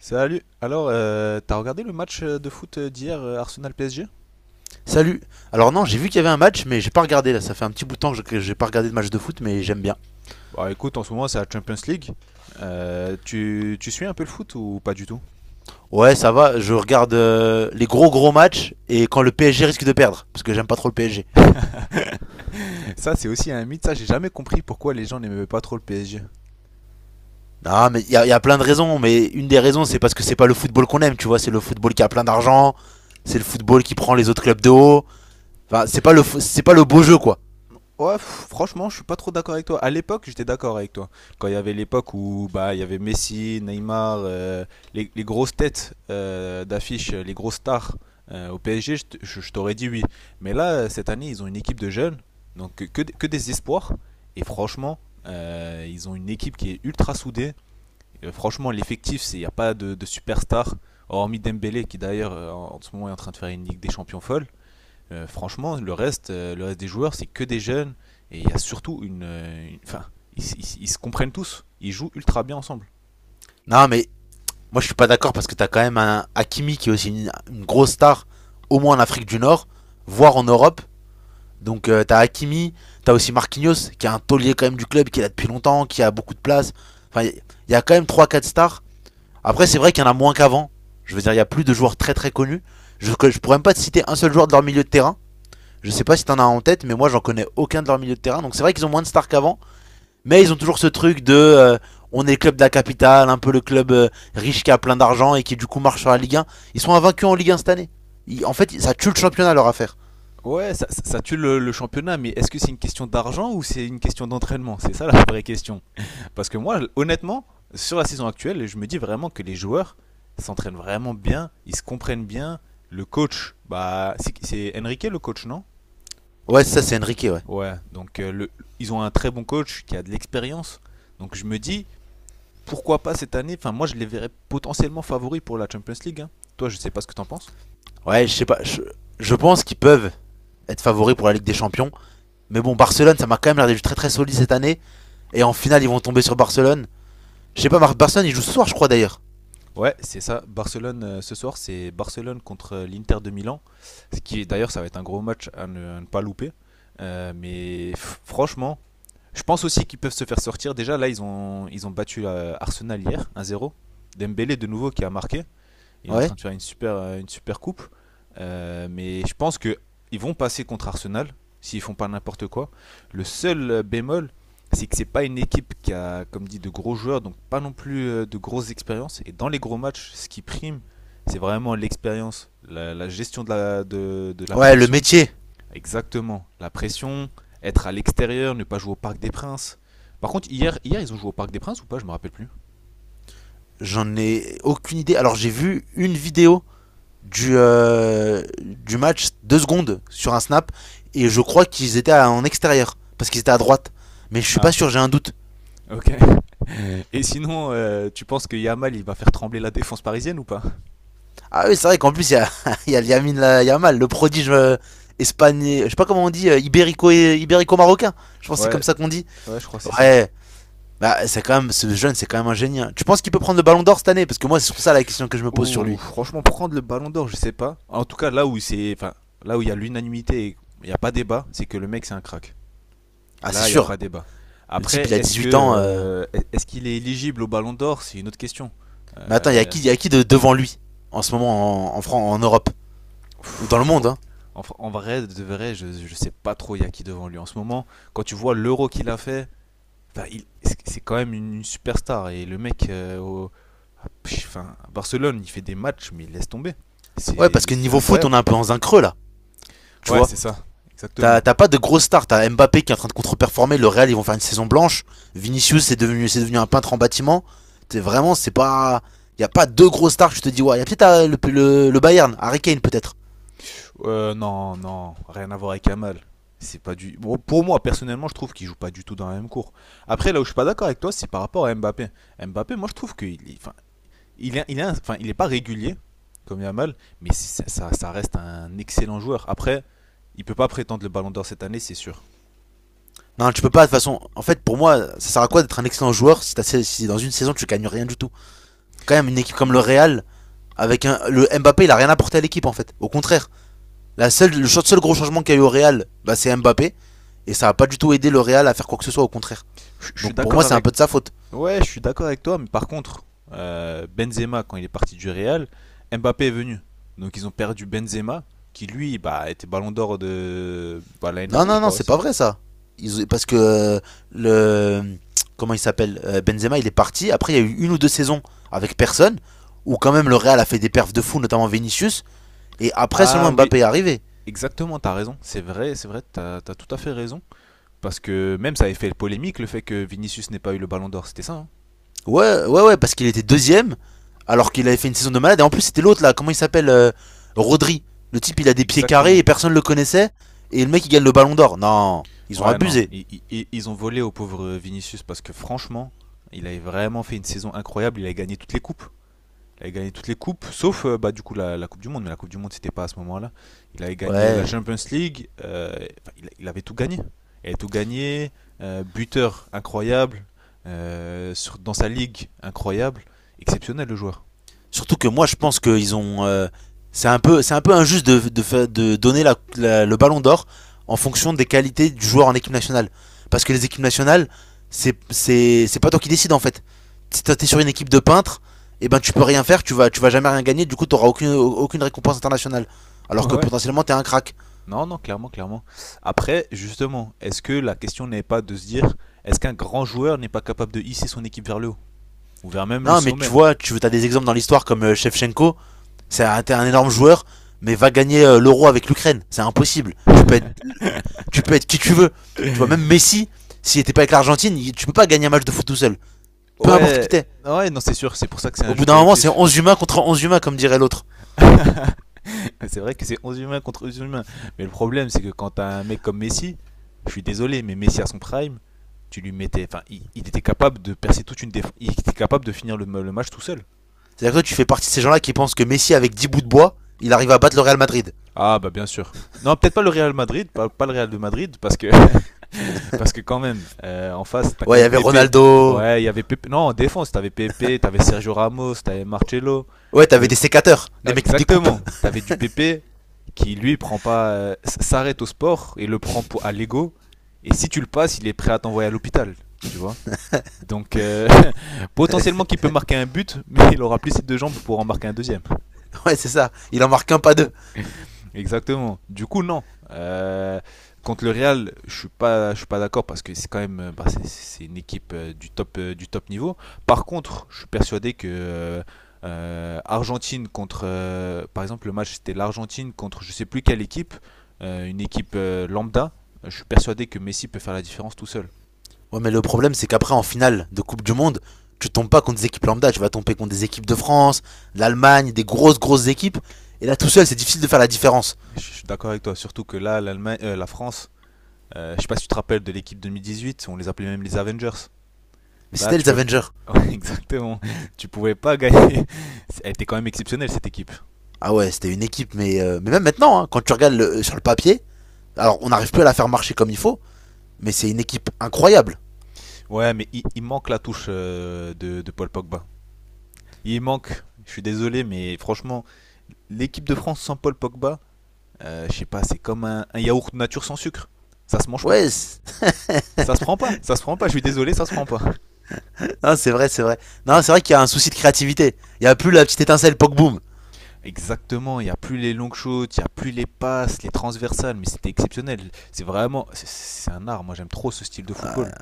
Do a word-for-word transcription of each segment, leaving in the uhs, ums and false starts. Salut. Alors, euh, t'as regardé le match euh, de foot d'hier, euh, d'hier Arsenal P S G? Salut. Alors non, j'ai vu qu'il y avait un match, mais j'ai pas regardé là. Ça fait un petit bout de temps que j'ai pas regardé de match de foot, mais j'aime bien. Bah écoute, en ce moment c'est la Champions League. Euh, tu, tu suis un peu le foot ou pas du tout? Ouais, ça va. Je regarde euh, les gros gros matchs et quand le P S G risque de perdre, parce que j'aime pas trop le P S G. Ça c'est aussi un mythe, ça j'ai jamais compris pourquoi les gens n'aimaient pas trop le P S G. Non, mais il y, a- y a plein de raisons, mais une des raisons c'est parce que c'est pas le football qu'on aime, tu vois. C'est le football qui a plein d'argent, c'est le football qui prend les autres clubs de haut. Enfin, c'est pas le c'est pas le beau jeu quoi. Ouais, pff, franchement, je suis pas trop d'accord avec toi. À l'époque, j'étais d'accord avec toi. Quand il y avait l'époque où bah il y avait Messi, Neymar, euh, les, les grosses têtes euh, d'affiche, euh, les grosses stars euh, au P S G, je t- je- je t'aurais dit oui. Mais là, euh, cette année, ils ont une équipe de jeunes, donc que, que des que des espoirs. Et franchement, euh, ils ont une équipe qui est ultra soudée. Euh, franchement, l'effectif, c'est il n'y a pas de, de superstar, hormis Dembélé, qui d'ailleurs euh, en en ce moment est en train de faire une Ligue des Champions folle euh, franchement, le reste, euh, le reste des joueurs, c'est que des jeunes. Et il y a surtout une. euh, une- Enfin, ils, ils- ils se comprennent tous. Ils jouent ultra bien ensemble. Non, mais moi je suis pas d'accord parce que t'as quand même un Hakimi qui est aussi une, une grosse star, au moins en Afrique du Nord, voire en Europe. Donc euh, t'as Hakimi, t'as aussi Marquinhos, qui est un taulier quand même du club, qui est là depuis longtemps, qui a beaucoup de place. Enfin, il y, y a quand même trois, quatre stars. Après, c'est vrai qu'il y en a moins qu'avant. Je veux dire, il y a plus de joueurs très très connus. Je, je pourrais même pas te citer un seul joueur de leur milieu de terrain. Je sais pas si t'en as en tête, mais moi j'en connais aucun de leur milieu de terrain. Donc c'est vrai qu'ils ont moins de stars qu'avant, mais ils ont toujours ce truc de euh, on est le club de la capitale, un peu le club euh, riche qui a plein d'argent et qui du coup marche sur la Ligue un. Ils sont invaincus en Ligue un cette année. Ils- en fait, ça tue le championnat leur affaire. Ouais, ça, ça- ça tue le, le championnat, mais est-ce que c'est une question d'argent ou c'est une question d'entraînement? C'est ça la vraie question. Parce que moi, honnêtement, sur la saison actuelle, je me dis vraiment que les joueurs s'entraînent vraiment bien, ils se comprennent bien. Le coach, bah, c'est- c'est Enrique le coach, non? Ouais, ça c'est Enrique, ouais. Ouais, donc euh, le, Ils ont un très bon coach qui a de l'expérience. Donc je me dis, pourquoi pas cette année? Enfin, moi, je les verrais potentiellement favoris pour la Champions League, hein. Toi, je sais pas ce que t'en penses. Ouais, je sais pas. Je, je pense qu'ils peuvent être favoris pour la Ligue des Champions. Mais bon, Barcelone, ça m'a quand même l'air d'être très très solide cette année. Et en finale, ils vont tomber sur Barcelone. Je sais pas, Mar- Barcelone, ils jouent ce soir, je crois d'ailleurs. Ouais, c'est ça. Barcelone euh, ce soir, c'est Barcelone contre euh, l'Inter de Milan. Ce qui, d'ailleurs, ça va être un gros match à ne, à ne pas louper. Euh, mais f- franchement, je pense aussi qu'ils peuvent se faire sortir. Déjà, là, ils ont, ils ont battu euh, Arsenal hier, un zéro. Dembélé de nouveau qui a marqué. Il est en train Ouais. de faire une super, euh, une super coupe. Euh, mais je pense que ils vont passer contre Arsenal s'ils font pas n'importe quoi. Le seul euh, bémol, c'est que c'est pas une équipe qui a, comme dit, de gros joueurs, donc pas non plus euh, de grosses expériences. Et dans les gros matchs, ce qui prime, c'est vraiment l'expérience, la, la gestion de la, de, de la Ouais, le pression. métier. Exactement, la pression, être à l'extérieur, ne pas jouer au Parc des Princes. Par contre, hier, hier ils ont joué au Parc des Princes ou pas? Je me rappelle plus. J'en ai aucune idée. Alors, j'ai vu une vidéo du, euh, du match, deux secondes, sur un snap. Et je crois qu'ils étaient en extérieur. Parce qu'ils étaient à droite. Mais je suis pas Ah, sûr, j'ai un doute. ok. Et sinon, euh, tu penses que Yamal, il va faire trembler la défense parisienne ou pas? Ah oui, c'est vrai qu'en plus, il y a, il y a Lamine La- Yamal, le prodige euh, espagnol, je sais pas comment on dit, euh, ibérico, ibérico-marocain. Je pense que c'est comme Ouais, ça qu'on dit. ouais, je crois que c'est ça. Ouais, bah, c'est quand même, ce jeune, c'est quand même un génie, hein. Tu penses qu'il peut prendre le ballon d'or cette année? Parce que moi, c'est surtout ça la question que je me pose sur Ou lui. franchement, prendre le ballon d'or, je sais pas. En tout cas, là où c'est, enfin, là où il y a l'unanimité et il n'y a pas débat, c'est que le mec, c'est un crack. Ah, c'est Là, il n'y a pas sûr. débat. Le type, Après, il a est-ce dix que, huit ans. euh. euh, est-ce qu'il est éligible au ballon d'or? C'est une autre question. Mais attends, il y a Euh, qui, il y a qui de, devant lui en ce moment en, en, Fran- en Europe? pff, Ou dans le monde, fro- hein? en, fr- En vrai, de vrai, je, je sais pas trop il y a qui devant lui en ce moment. Quand tu vois l'euro qu'il a fait, enfin, il- c'est c'est quand même une superstar. Et le mec, euh, au- Pff, Enfin, Barcelone, il fait des matchs, mais il laisse tomber. Ouais, C'est parce que c'est niveau foot, on est incroyable. un peu dans un creux là. Tu Ouais, vois? c'est ça, exactement. T'as t'as pas de grosse stars, t'as Mbappé qui est en train de contre-performer, le Real ils vont faire une saison blanche, Vinicius c'est devenu, c'est devenu un peintre en bâtiment, c'est vraiment, c'est pas. Y a pas deux grosses stars, je te dis, ouais, il y a peut-être euh, le, le, le Bayern, Harry Kane peut-être. Euh, non, non, rien à voir avec Amal. C'est pas du. Bon, pour moi, personnellement, je trouve qu'il joue pas du tout dans la même cour. Après, là où je suis pas d'accord avec toi, c'est par rapport à Mbappé. Mbappé, moi, je trouve qu'il est, enfin, il est, il est, un- enfin, il est pas régulier comme Yamal, mais c'est- ça, ça reste un excellent joueur. Après, il peut pas prétendre le Ballon d'Or cette année, c'est sûr. Non, tu peux pas, de toute façon, en fait pour moi, ça sert à quoi d'être un excellent joueur si, t'as- si dans une saison tu gagnes rien du tout? Quand même une équipe comme le Oui. Real, avec un, le Mbappé il a rien apporté à l'équipe en fait, au contraire. La seule, le seul gros changement qu'il y a eu au Real, bah, c'est Mbappé, et ça a pas du tout aidé le Real à faire quoi que ce soit, au contraire. Je je Donc suis pour moi d'accord c'est un avec. peu de sa faute. Ouais, je suis d'accord avec toi, mais par contre, euh, Benzema, quand il est parti du Real, Mbappé est venu. Donc ils ont perdu Benzema, qui lui, bah, était ballon d'or de bah, l'année Non, dernière, je non, non, crois, ouais, c'est pas ça. vrai ça. Ils- parce que euh, le. Comment il s'appelle? Euh, Benzema, il est parti. Après, il y a eu une ou deux saisons avec personne. Où quand même le Real a fait des perfs de fou, notamment Vinicius. Et après, Ah seulement oui, Mbappé est arrivé. exactement, t'as raison. C'est vrai, c'est vrai, t'as, t'as tout à fait raison. Parce que même ça avait fait polémique le fait que Vinicius n'ait pas eu le ballon d'or, c'était ça, hein? Ouais, ouais, ouais, parce qu'il était deuxième. Alors qu'il avait fait une saison de malade. Et en plus, c'était l'autre là. Comment il s'appelle? euh, Rodri. Le type, il a des pieds carrés et Exactement. personne le connaissait. Et le mec, il gagne le ballon d'or. Non, ils ont Ouais, non, abusé. i- i- i- ils ont volé au pauvre Vinicius parce que franchement, il avait vraiment fait une saison incroyable, il a gagné toutes les coupes. Il avait gagné toutes les coupes, sauf euh, bah, du coup la, la Coupe du Monde, mais la Coupe du Monde c'était pas à ce moment-là. Il avait gagné la Ouais. Champions League, euh, enfin, il, il avait tout gagné. Il avait tout gagné, euh, buteur incroyable, euh, sur, dans sa ligue incroyable, exceptionnel le joueur. Surtout que moi, je pense qu'ils ont. euh, c'est un peu, c'est un peu injuste de, de, fa- de donner la- la- le Ballon d'Or en fonction des qualités du joueur en équipe nationale. Parce que les équipes nationales, c'est, c'est, c'est pas toi qui décides en fait. Si t'es sur une équipe de peintres, et ben tu peux rien faire, tu vas, tu vas jamais rien gagner. Du coup, t'auras aucune, aucune récompense internationale. Alors que Ouais. potentiellement, t'es un crack. Non, non, clairement, clairement. Après, justement, est-ce que la question n'est pas de se dire, est-ce qu'un grand joueur n'est pas capable de hisser son équipe vers le haut, ou vers même le Non, mais tu sommet? vois, tu as des exemples dans l'histoire comme euh, Shevchenko. C'est un énorme joueur, mais va gagner euh, l'euro avec l'Ukraine. C'est impossible. Tu peux être, tu peux être qui tu veux. Tu vois, même Messi, s'il était pas avec l'Argentine, il- tu peux pas gagner un match de foot tout seul. Peu importe qui Ouais, t'es. ouais, non, c'est sûr, c'est pour ça que c'est un Au jeu bout d'un moment, c'est collectif. onze humains contre onze humains, comme dirait l'autre. C'est vrai que c'est onze humains contre onze humains. Mais le problème, c'est que quand t'as un mec comme Messi, je suis désolé, mais Messi à son prime, tu lui mettais. Enfin, il, il était capable de percer toute une défense. Il était capable de finir le, ma- le match tout seul. C'est-à-dire que toi, tu fais partie de ces gens-là qui pensent que Messi, avec dix bouts de bois, il arrive à battre le Real Madrid. Ah, bah bien sûr. Non, peut-être pas le Real Madrid, pas, pas le Real de Madrid, parce que, parce que quand même, euh, en face, t'as quand Ouais, il y même avait Pepe. Ronaldo. Ouais, il y avait Pepe. Non, en défense, t'avais Pepe, t'avais Sergio Ramos, t'avais Marcelo. Ouais, t'avais des sécateurs, des Ouais, mecs qui découpent. exactement. T'avais du P P qui, lui, prend pas, euh, s- s'arrête au sport et le prend pour, à l'ego. Et si tu le passes, il est prêt à t'envoyer à l'hôpital, tu vois. Donc, euh, potentiellement qu'il peut marquer un but, mais il aura plus ses deux jambes pour en marquer un deuxième. Ouais, c'est ça. Il en marque un pas deux. Exactement. Du coup, non. Euh, contre le Real, je suis pas, je suis pas d'accord parce que c'est quand même, euh, bah, c'est- c'est une équipe euh, du top, euh, du top niveau. Par contre, je suis persuadé que euh, euh, Argentine contre, euh, par exemple, le match c'était l'Argentine contre, je sais plus quelle équipe, euh, une équipe euh, lambda. Je suis persuadé que Messi peut faire la différence tout seul. Ouais, mais le problème, c'est qu'après, en finale de Coupe du Monde, tu tombes pas contre des équipes lambda. Tu vas tomber contre des équipes de France, de l'Allemagne, des grosses, grosses équipes. Et là, tout seul, c'est difficile de faire la différence. Je je suis d'accord avec toi, surtout que là, l'Allemagne, euh, la France, euh, je sais pas si tu te rappelles de l'équipe deux mille dix-huit, on les appelait même les Avengers. Mais Là, c'était tu les peux pas. Avengers. Ouais, exactement. Tu pouvais pas gagner. Elle était quand même exceptionnelle cette équipe. Ah ouais, c'était une équipe, mais, euh, mais même maintenant, hein, quand tu regardes le- euh, sur le papier, alors on n'arrive plus à la faire marcher comme il faut, mais c'est une équipe incroyable. Ouais, mais il, il manque la touche euh, de, de Paul Pogba. Il manque. Je suis désolé, mais franchement, l'équipe de France sans Paul Pogba, euh, je sais pas, c'est comme un, un yaourt nature sans sucre. Ça se mange pas. Ouais, c'est Ça se prend pas. Ça se prend pas. Je suis désolé, ça se prend pas. vrai, c'est vrai. Non, c'est vrai qu'il y a un souci de créativité. Il y a plus la petite étincelle poc boom. Exactement. Il y a plus les longues shoots, il y a plus les passes, les transversales, mais c'était exceptionnel. C'est vraiment, c'est- c'est un art. Moi, j'aime trop ce style de football.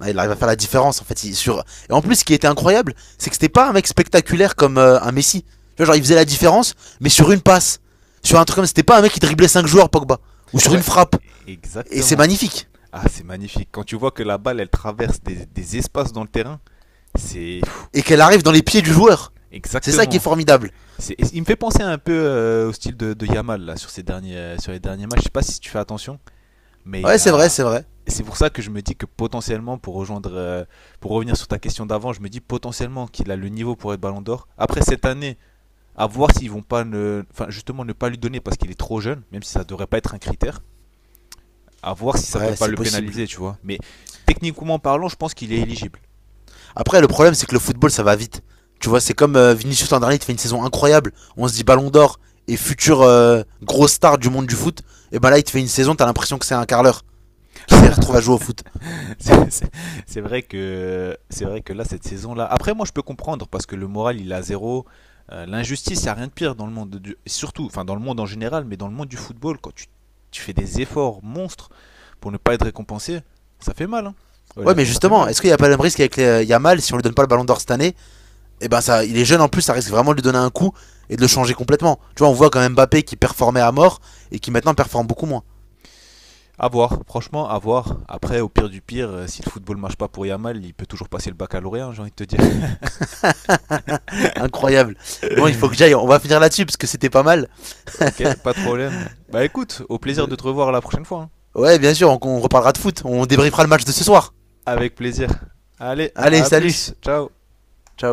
Ouais, il arrive à faire la différence en fait. Il- sur... Et en plus, ce qui était incroyable, c'est que c'était pas un mec spectaculaire comme euh, un Messi. Tu vois, genre, il faisait la différence, mais sur une passe. Sur un truc comme ça, c'était pas un mec qui driblait cinq joueurs, Pogba. Ou sur une Ouais, frappe. e- Et c'est exactement. magnifique. Ah, c'est magnifique. Quand tu vois que la balle, elle traverse des, des espaces dans le terrain, c'est Et qu'elle arrive dans les pieds du joueur. C'est ça qui est exactement. formidable. C'est- Il me fait penser un peu euh, au style de, de Yamal là sur ces derniers, euh, sur les derniers matchs. Je sais pas si tu fais attention, mais il Ouais, c'est vrai, a. c'est vrai. C'est pour ça que je me dis que potentiellement, pour rejoindre, euh, pour revenir sur ta question d'avant, je me dis potentiellement qu'il a le niveau pour être Ballon d'Or. Après cette année, à voir s'ils vont pas, ne... enfin justement ne pas lui donner parce qu'il est trop jeune, même si ça devrait pas être un critère. À voir si ça peut Ouais, pas c'est le possible. pénaliser, tu vois. Mais techniquement parlant, je pense qu'il est éligible. Après, le problème, c'est que le football, ça va vite. Tu vois, c'est comme euh, Vinicius l'an dernier, il fait une saison incroyable. On se dit ballon d'or et futur euh, grosse star du monde du foot. Et ben là, il te fait une saison, t'as l'impression que c'est un carleur qui s'est retrouvé à jouer au foot. C'est- C'est c'est vrai que c'est vrai que là cette saison là. Après moi je peux comprendre parce que le moral il est à zéro. Euh, L'injustice il y a rien de pire dans le monde du surtout enfin dans le monde en général mais dans le monde du football quand tu, tu fais des efforts monstres pour ne pas être récompensé ça fait mal, hein. Ouais, mais Honnêtement ça fait justement, mal. est-ce qu'il n'y a pas le même risque avec les- euh, Yamal si on lui donne pas le ballon d'or cette année? Et ben ça, il est jeune en plus, ça risque vraiment de lui donner un coup et de le changer complètement. Tu vois, on voit quand même Mbappé qui performait à mort et qui maintenant performe beaucoup moins. À voir franchement à voir. Après au pire du pire euh, si le football marche pas pour Yamal il peut toujours passer le baccalauréat hein, j'ai envie de te dire. Incroyable. Bon, il faut que j'aille, on va finir là-dessus parce que c'était pas mal. ok pas de problème. Bah écoute au plaisir de te revoir la prochaine fois, hein. Ouais, bien sûr, on, on reparlera de foot, on débriefera le match de ce soir. Avec plaisir. Allez Allez, à plus salut, ciao. ciao.